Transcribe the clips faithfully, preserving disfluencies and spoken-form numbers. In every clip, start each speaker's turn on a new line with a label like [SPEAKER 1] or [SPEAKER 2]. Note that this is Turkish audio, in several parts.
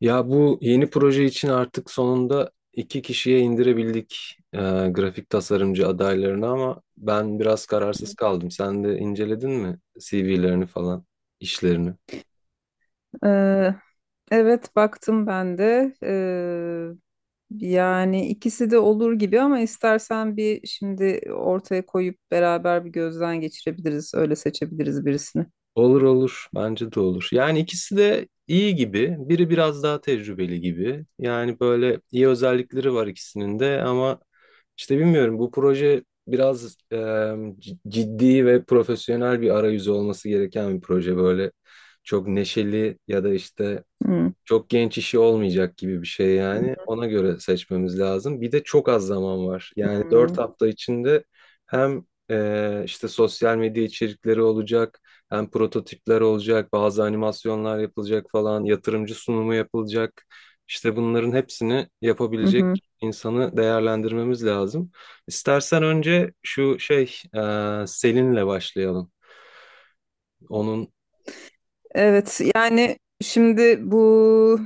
[SPEAKER 1] Ya bu yeni proje için artık sonunda iki kişiye indirebildik e, grafik tasarımcı adaylarını, ama ben biraz kararsız kaldım. Sen de inceledin mi C V'lerini falan, işlerini?
[SPEAKER 2] Ee, evet baktım ben de. Ee, yani ikisi de olur gibi ama istersen bir şimdi ortaya koyup beraber bir gözden geçirebiliriz. Öyle seçebiliriz birisini.
[SPEAKER 1] Olur olur. Bence de olur. Yani ikisi de iyi gibi. Biri biraz daha tecrübeli gibi. Yani böyle iyi özellikleri var ikisinin de, ama işte bilmiyorum, bu proje biraz e, c- ciddi ve profesyonel bir arayüzü olması gereken bir proje. Böyle çok neşeli ya da işte
[SPEAKER 2] Hmm.
[SPEAKER 1] çok genç işi olmayacak gibi bir şey yani. Ona göre seçmemiz lazım. Bir de çok az zaman var. Yani
[SPEAKER 2] Hmm.
[SPEAKER 1] dört hafta içinde hem e, işte sosyal medya içerikleri olacak. Hem prototipler olacak, bazı animasyonlar yapılacak falan, yatırımcı sunumu yapılacak. İşte bunların hepsini
[SPEAKER 2] Hı hı.
[SPEAKER 1] yapabilecek insanı değerlendirmemiz lazım. İstersen önce şu şey, e, Selin'le başlayalım. Onun.
[SPEAKER 2] Evet, yani şimdi bu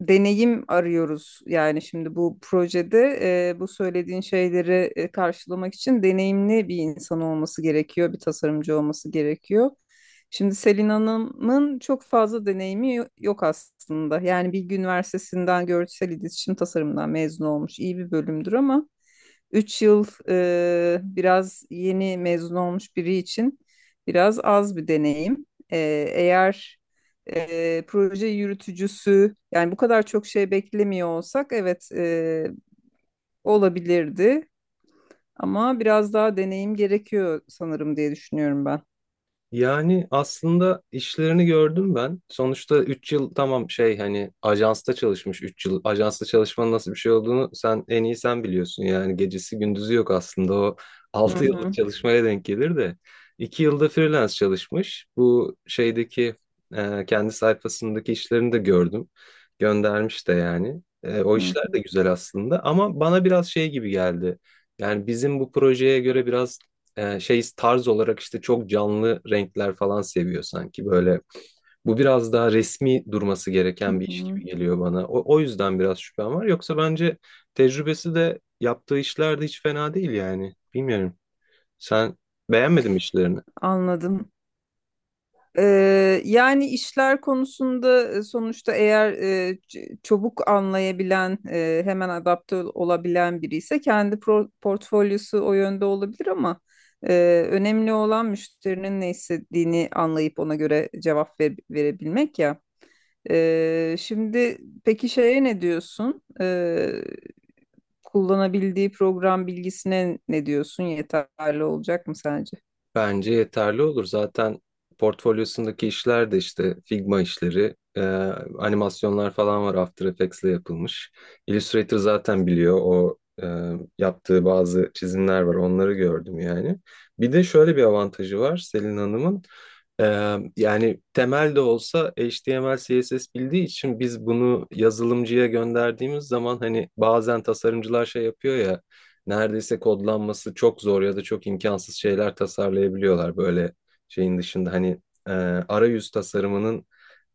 [SPEAKER 2] deneyim arıyoruz. Yani şimdi bu projede e, bu söylediğin şeyleri e, karşılamak için deneyimli bir insan olması gerekiyor, bir tasarımcı olması gerekiyor. Şimdi Selin Hanım'ın çok fazla deneyimi yo- yok aslında. Yani Bilgi Üniversitesi'nden görsel iletişim tasarımından mezun olmuş, iyi bir bölümdür ama üç yıl, e, biraz yeni mezun olmuş biri için biraz az bir deneyim. E, eğer e, proje yürütücüsü, yani bu kadar çok şey beklemiyor olsak, evet e, olabilirdi ama biraz daha deneyim gerekiyor sanırım diye düşünüyorum ben.
[SPEAKER 1] Yani aslında işlerini gördüm ben. Sonuçta üç yıl, tamam, şey, hani ajansta çalışmış üç yıl. Ajansta çalışmanın nasıl bir şey olduğunu sen en iyi sen biliyorsun. Yani gecesi gündüzü yok aslında, o
[SPEAKER 2] Hı
[SPEAKER 1] altı yıllık
[SPEAKER 2] hı,
[SPEAKER 1] çalışmaya denk gelir de. iki yılda freelance çalışmış. Bu şeydeki e, kendi sayfasındaki işlerini de gördüm. Göndermiş de yani. E, o işler
[SPEAKER 2] hı
[SPEAKER 1] de güzel aslında ama bana biraz şey gibi geldi. Yani bizim bu projeye göre biraz e, şey, tarz olarak işte çok canlı renkler falan seviyor sanki böyle. Bu biraz daha resmi durması
[SPEAKER 2] hı,
[SPEAKER 1] gereken
[SPEAKER 2] hı
[SPEAKER 1] bir iş
[SPEAKER 2] hı.
[SPEAKER 1] gibi geliyor bana. O, o yüzden biraz şüphem var. Yoksa bence tecrübesi de yaptığı işler de hiç fena değil yani. Bilmiyorum. Sen beğenmedin mi işlerini?
[SPEAKER 2] Anladım. Ee, yani işler konusunda, e, sonuçta eğer e, ç- çabuk anlayabilen, e, hemen adapte ol- olabilen biri ise kendi pro- portfolyosu o yönde olabilir ama e, önemli olan müşterinin ne istediğini anlayıp ona göre cevap ver- verebilmek ya. Ee, şimdi peki şeye ne diyorsun? Ee, kullanabildiği program bilgisine ne diyorsun? Yeterli olacak mı sence?
[SPEAKER 1] Bence yeterli olur. Zaten portfolyosundaki işler de işte Figma işleri, e, animasyonlar falan var, After Effects'le yapılmış. Illustrator zaten biliyor, o e, yaptığı bazı çizimler var. Onları gördüm yani. Bir de şöyle bir avantajı var Selin Hanım'ın. E, Yani temel de olsa H T M L, C S S bildiği için biz bunu yazılımcıya gönderdiğimiz zaman, hani bazen tasarımcılar şey yapıyor ya, neredeyse kodlanması çok zor ya da çok imkansız şeyler tasarlayabiliyorlar böyle. Şeyin dışında hani e, arayüz tasarımının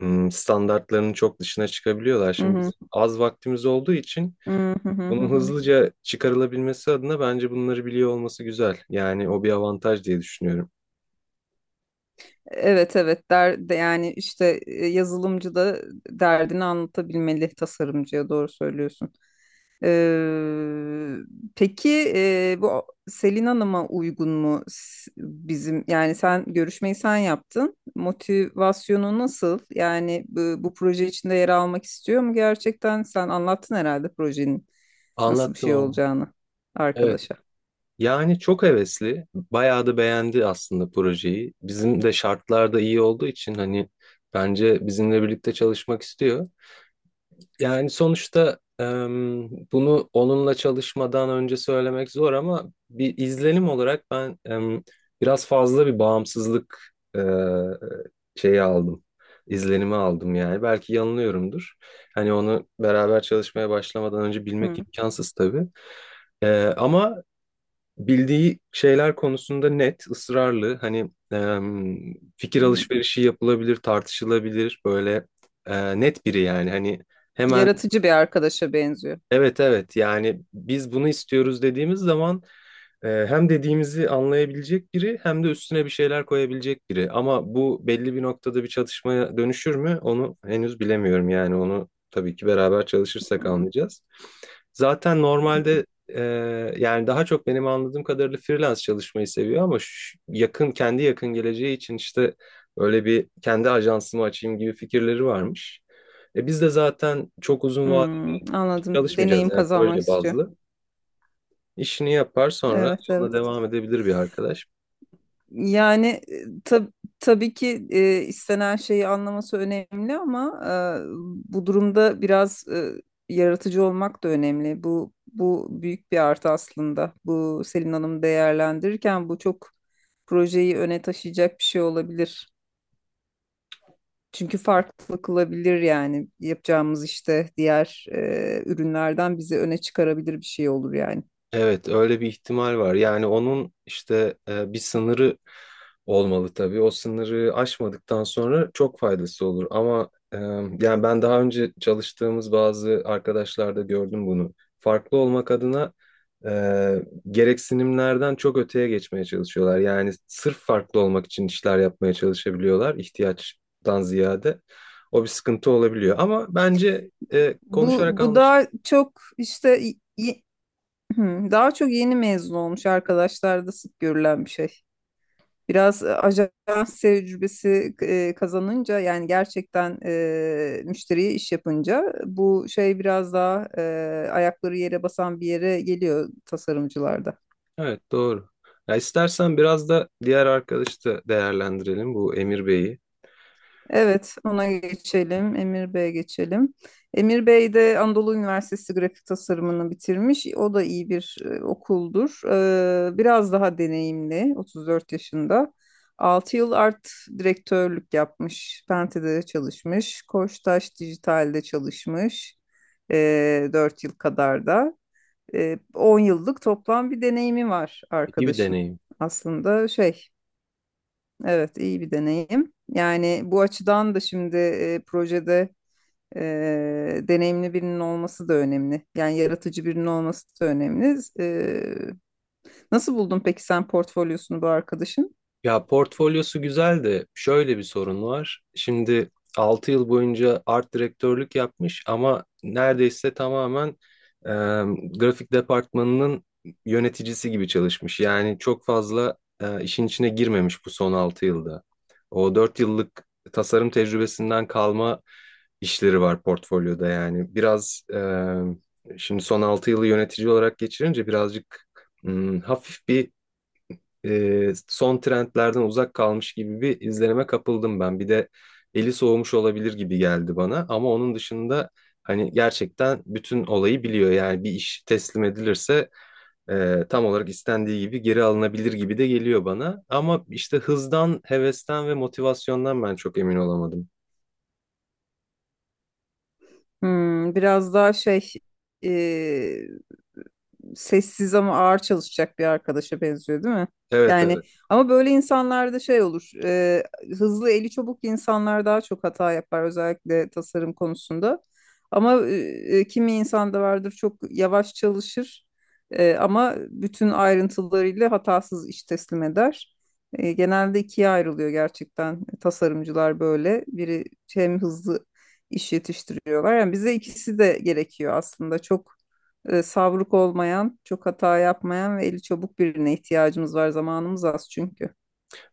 [SPEAKER 1] m, standartlarının çok dışına çıkabiliyorlar.
[SPEAKER 2] Hı
[SPEAKER 1] Şimdi
[SPEAKER 2] hı.
[SPEAKER 1] bizim az vaktimiz olduğu için
[SPEAKER 2] Hı hı hı
[SPEAKER 1] bunun
[SPEAKER 2] hı.
[SPEAKER 1] hızlıca çıkarılabilmesi adına bence bunları biliyor olması güzel. Yani o bir avantaj diye düşünüyorum.
[SPEAKER 2] Evet evet der, de- yani işte e, yazılımcı da derdini anlatabilmeli tasarımcıya, doğru söylüyorsun. Ee, peki e, bu Selin Hanım'a uygun mu s- bizim, yani sen görüşmeyi sen yaptın. Motivasyonu nasıl? Yani bu, bu proje içinde yer almak istiyor mu gerçekten? Sen anlattın herhalde projenin nasıl bir
[SPEAKER 1] Anlattım
[SPEAKER 2] şey
[SPEAKER 1] ama.
[SPEAKER 2] olacağını
[SPEAKER 1] Evet.
[SPEAKER 2] arkadaşa.
[SPEAKER 1] Yani çok hevesli. Bayağı da beğendi aslında projeyi. Bizim de şartlar da iyi olduğu için hani bence bizimle birlikte çalışmak istiyor. Yani sonuçta em, bunu onunla çalışmadan önce söylemek zor ama bir izlenim olarak ben em, biraz fazla bir bağımsızlık e, şeyi aldım. İzlenimi aldım yani. Belki yanılıyorumdur. Hani onu beraber çalışmaya başlamadan önce bilmek
[SPEAKER 2] Hı
[SPEAKER 1] imkansız tabii. E, ama bildiği şeyler konusunda net, ısrarlı. Hani em, fikir
[SPEAKER 2] hı.
[SPEAKER 1] alışverişi yapılabilir, tartışılabilir. Böyle e, net biri yani. Hani. Hemen.
[SPEAKER 2] Yaratıcı bir arkadaşa benziyor.
[SPEAKER 1] Evet, evet, yani biz bunu istiyoruz dediğimiz zaman e, hem dediğimizi anlayabilecek biri, hem de üstüne bir şeyler koyabilecek biri. Ama bu belli bir noktada bir çatışmaya dönüşür mü onu henüz bilemiyorum, yani onu tabii ki beraber çalışırsak
[SPEAKER 2] Hı
[SPEAKER 1] anlayacağız. Zaten
[SPEAKER 2] hı.
[SPEAKER 1] normalde e, yani daha çok benim anladığım kadarıyla freelance çalışmayı seviyor ama şu- yakın kendi yakın geleceği için işte öyle bir kendi ajansımı açayım gibi fikirleri varmış. E biz de zaten çok uzun
[SPEAKER 2] Hmm, anladım.
[SPEAKER 1] çalışmayacağız,
[SPEAKER 2] Deneyim
[SPEAKER 1] yani
[SPEAKER 2] kazanmak
[SPEAKER 1] proje
[SPEAKER 2] istiyor.
[SPEAKER 1] bazlı. İşini yapar, sonra
[SPEAKER 2] Evet,
[SPEAKER 1] ona
[SPEAKER 2] evet.
[SPEAKER 1] devam edebilir bir arkadaş.
[SPEAKER 2] Yani e, tab- tabii ki e, istenen şeyi anlaması önemli ama e, bu durumda biraz e, yaratıcı olmak da önemli. Bu bu büyük bir artı aslında. Bu Selin Hanım değerlendirirken bu çok projeyi öne taşıyacak bir şey olabilir. Çünkü farklı kılabilir, yani yapacağımız işte diğer e, ürünlerden bizi öne çıkarabilir bir şey olur yani.
[SPEAKER 1] Evet, öyle bir ihtimal var. Yani onun işte e, bir sınırı olmalı tabii. O sınırı aşmadıktan sonra çok faydası olur. Ama e, yani ben daha önce çalıştığımız bazı arkadaşlarda gördüm bunu. Farklı olmak adına e, gereksinimlerden çok öteye geçmeye çalışıyorlar. Yani sırf farklı olmak için işler yapmaya çalışabiliyorlar, ihtiyaçtan ziyade. O bir sıkıntı olabiliyor. Ama bence e,
[SPEAKER 2] Bu
[SPEAKER 1] konuşarak.
[SPEAKER 2] bu daha çok işte y- y- daha çok yeni mezun olmuş arkadaşlarda sık görülen bir şey. Biraz e, ajans tecrübesi e, kazanınca, yani gerçekten e, müşteriye iş yapınca bu şey biraz daha e, ayakları yere basan bir yere geliyor tasarımcılarda.
[SPEAKER 1] Evet, doğru. Ya istersen biraz da diğer arkadaşı da değerlendirelim, bu Emir Bey'i.
[SPEAKER 2] Evet, ona geçelim. Emir Bey'e geçelim. Emir Bey de Anadolu Üniversitesi grafik tasarımını bitirmiş. O da iyi bir e, okuldur. Ee, biraz daha deneyimli, otuz dört yaşında. Altı yıl art direktörlük yapmış. Pente'de çalışmış. Koçtaş Dijital'de çalışmış. Ee, dört yıl kadar da. Ee, on yıllık toplam bir deneyimi var
[SPEAKER 1] İyi bir
[SPEAKER 2] arkadaşın.
[SPEAKER 1] deneyim.
[SPEAKER 2] Aslında şey, Evet, iyi bir deneyim. Yani bu açıdan da şimdi e, projede e, deneyimli birinin olması da önemli. Yani yaratıcı birinin olması da önemli. E, nasıl buldun peki sen portfolyosunu bu arkadaşın?
[SPEAKER 1] Ya portfolyosu güzel de şöyle bir sorun var. Şimdi altı yıl boyunca art direktörlük yapmış ama neredeyse tamamen e, grafik departmanının yöneticisi gibi çalışmış. Yani çok fazla e, işin içine girmemiş bu son altı yılda. O dört yıllık tasarım tecrübesinden kalma işleri var portfolyoda yani. Biraz e, şimdi son altı yılı yönetici olarak geçirince birazcık hmm, hafif bir e, son trendlerden uzak kalmış gibi bir izlenime kapıldım ben. Bir de eli soğumuş olabilir gibi geldi bana ama onun dışında hani gerçekten bütün olayı biliyor. Yani bir iş teslim edilirse e, tam olarak istendiği gibi geri alınabilir gibi de geliyor bana. Ama işte hızdan, hevesten ve motivasyondan ben çok emin olamadım.
[SPEAKER 2] Hmm, biraz daha şey, e, sessiz ama ağır çalışacak bir arkadaşa benziyor değil mi?
[SPEAKER 1] Evet, evet.
[SPEAKER 2] Yani ama böyle insanlarda şey olur. E, hızlı eli çabuk insanlar daha çok hata yapar, özellikle tasarım konusunda. Ama e, kimi insan da vardır, çok yavaş çalışır e, ama bütün ayrıntılarıyla hatasız iş teslim eder. E, genelde ikiye ayrılıyor gerçekten tasarımcılar böyle. Biri hem hızlı iş yetiştiriyorlar. Yani bize ikisi de gerekiyor aslında. Çok e, savruk olmayan, çok hata yapmayan ve eli çabuk birine ihtiyacımız var. Zamanımız az çünkü.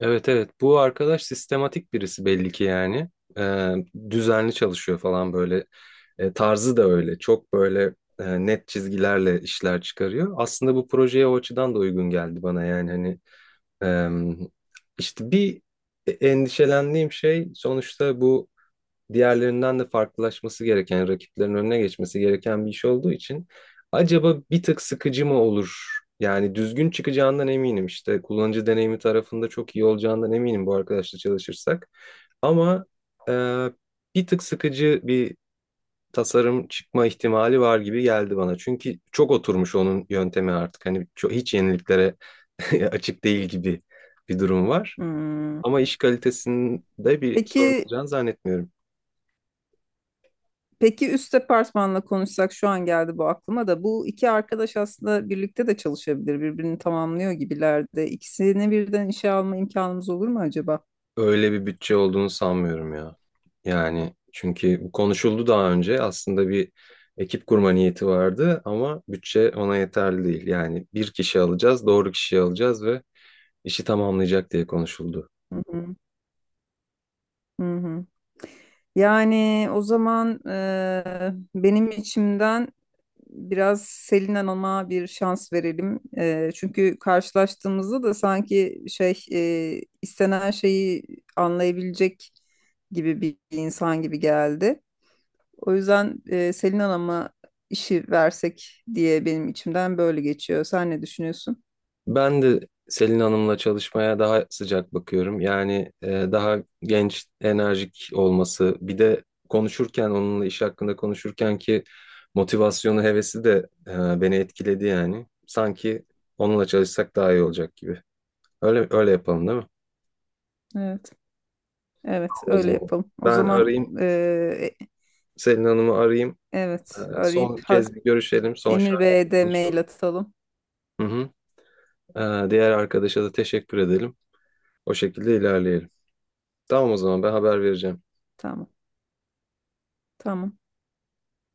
[SPEAKER 1] Evet, evet, bu arkadaş sistematik birisi belli ki yani. Ee, Düzenli çalışıyor falan, böyle Ee, tarzı da öyle, çok böyle e, net çizgilerle işler çıkarıyor. Aslında bu projeye o açıdan da uygun geldi bana, yani hani em, işte bir e, endişelendiğim şey, sonuçta bu diğerlerinden de farklılaşması gereken, rakiplerin önüne geçmesi gereken bir iş olduğu için acaba bir tık sıkıcı mı olur? Yani düzgün çıkacağından eminim, işte kullanıcı deneyimi tarafında çok iyi olacağından eminim bu arkadaşla çalışırsak. Ama e, bir tık sıkıcı bir tasarım çıkma ihtimali var gibi geldi bana. Çünkü çok oturmuş onun yöntemi artık. Hani çok, hiç yeniliklere açık değil gibi bir durum var.
[SPEAKER 2] Hmm.
[SPEAKER 1] Ama iş kalitesinde bir sorun
[SPEAKER 2] Peki
[SPEAKER 1] olacağını zannetmiyorum.
[SPEAKER 2] Peki üst departmanla konuşsak, şu an geldi bu aklıma da, bu iki arkadaş aslında birlikte de çalışabilir. Birbirini tamamlıyor gibiler de. İkisini birden işe alma imkanımız olur mu acaba?
[SPEAKER 1] Öyle bir bütçe olduğunu sanmıyorum ya. Yani çünkü bu konuşuldu daha önce. Aslında bir ekip kurma niyeti vardı ama bütçe ona yeterli değil. Yani bir kişi alacağız, doğru kişiyi alacağız ve işi tamamlayacak diye konuşuldu.
[SPEAKER 2] Hı hı. Hı hı. Yani o zaman eee, benim içimden biraz Selin Hanım'a bir şans verelim. Eee, çünkü karşılaştığımızda da sanki şey eee, istenen şeyi anlayabilecek gibi bir insan gibi geldi. O yüzden eee, Selin Hanım'a işi versek diye benim içimden böyle geçiyor. Sen ne düşünüyorsun?
[SPEAKER 1] Ben de Selin Hanım'la çalışmaya daha sıcak bakıyorum. Yani e, daha genç, enerjik olması, bir de konuşurken, onunla iş hakkında konuşurken ki motivasyonu, hevesi de e, beni etkiledi yani. Sanki onunla çalışsak daha iyi olacak gibi. Öyle öyle yapalım, değil mi?
[SPEAKER 2] Evet. Evet,
[SPEAKER 1] O
[SPEAKER 2] öyle
[SPEAKER 1] zaman
[SPEAKER 2] yapalım. O
[SPEAKER 1] ben
[SPEAKER 2] zaman
[SPEAKER 1] arayayım,
[SPEAKER 2] eee, e,
[SPEAKER 1] Selin Hanım'ı arayayım.
[SPEAKER 2] evet,
[SPEAKER 1] E,
[SPEAKER 2] arayıp
[SPEAKER 1] son
[SPEAKER 2] ha-
[SPEAKER 1] kez bir görüşelim, son
[SPEAKER 2] Emir
[SPEAKER 1] şartları
[SPEAKER 2] Bey'e de mail
[SPEAKER 1] konuşalım.
[SPEAKER 2] atalım.
[SPEAKER 1] Hı hı. E, diğer arkadaşa da teşekkür edelim. O şekilde ilerleyelim. Tamam, o zaman ben haber vereceğim.
[SPEAKER 2] Tamam. Tamam.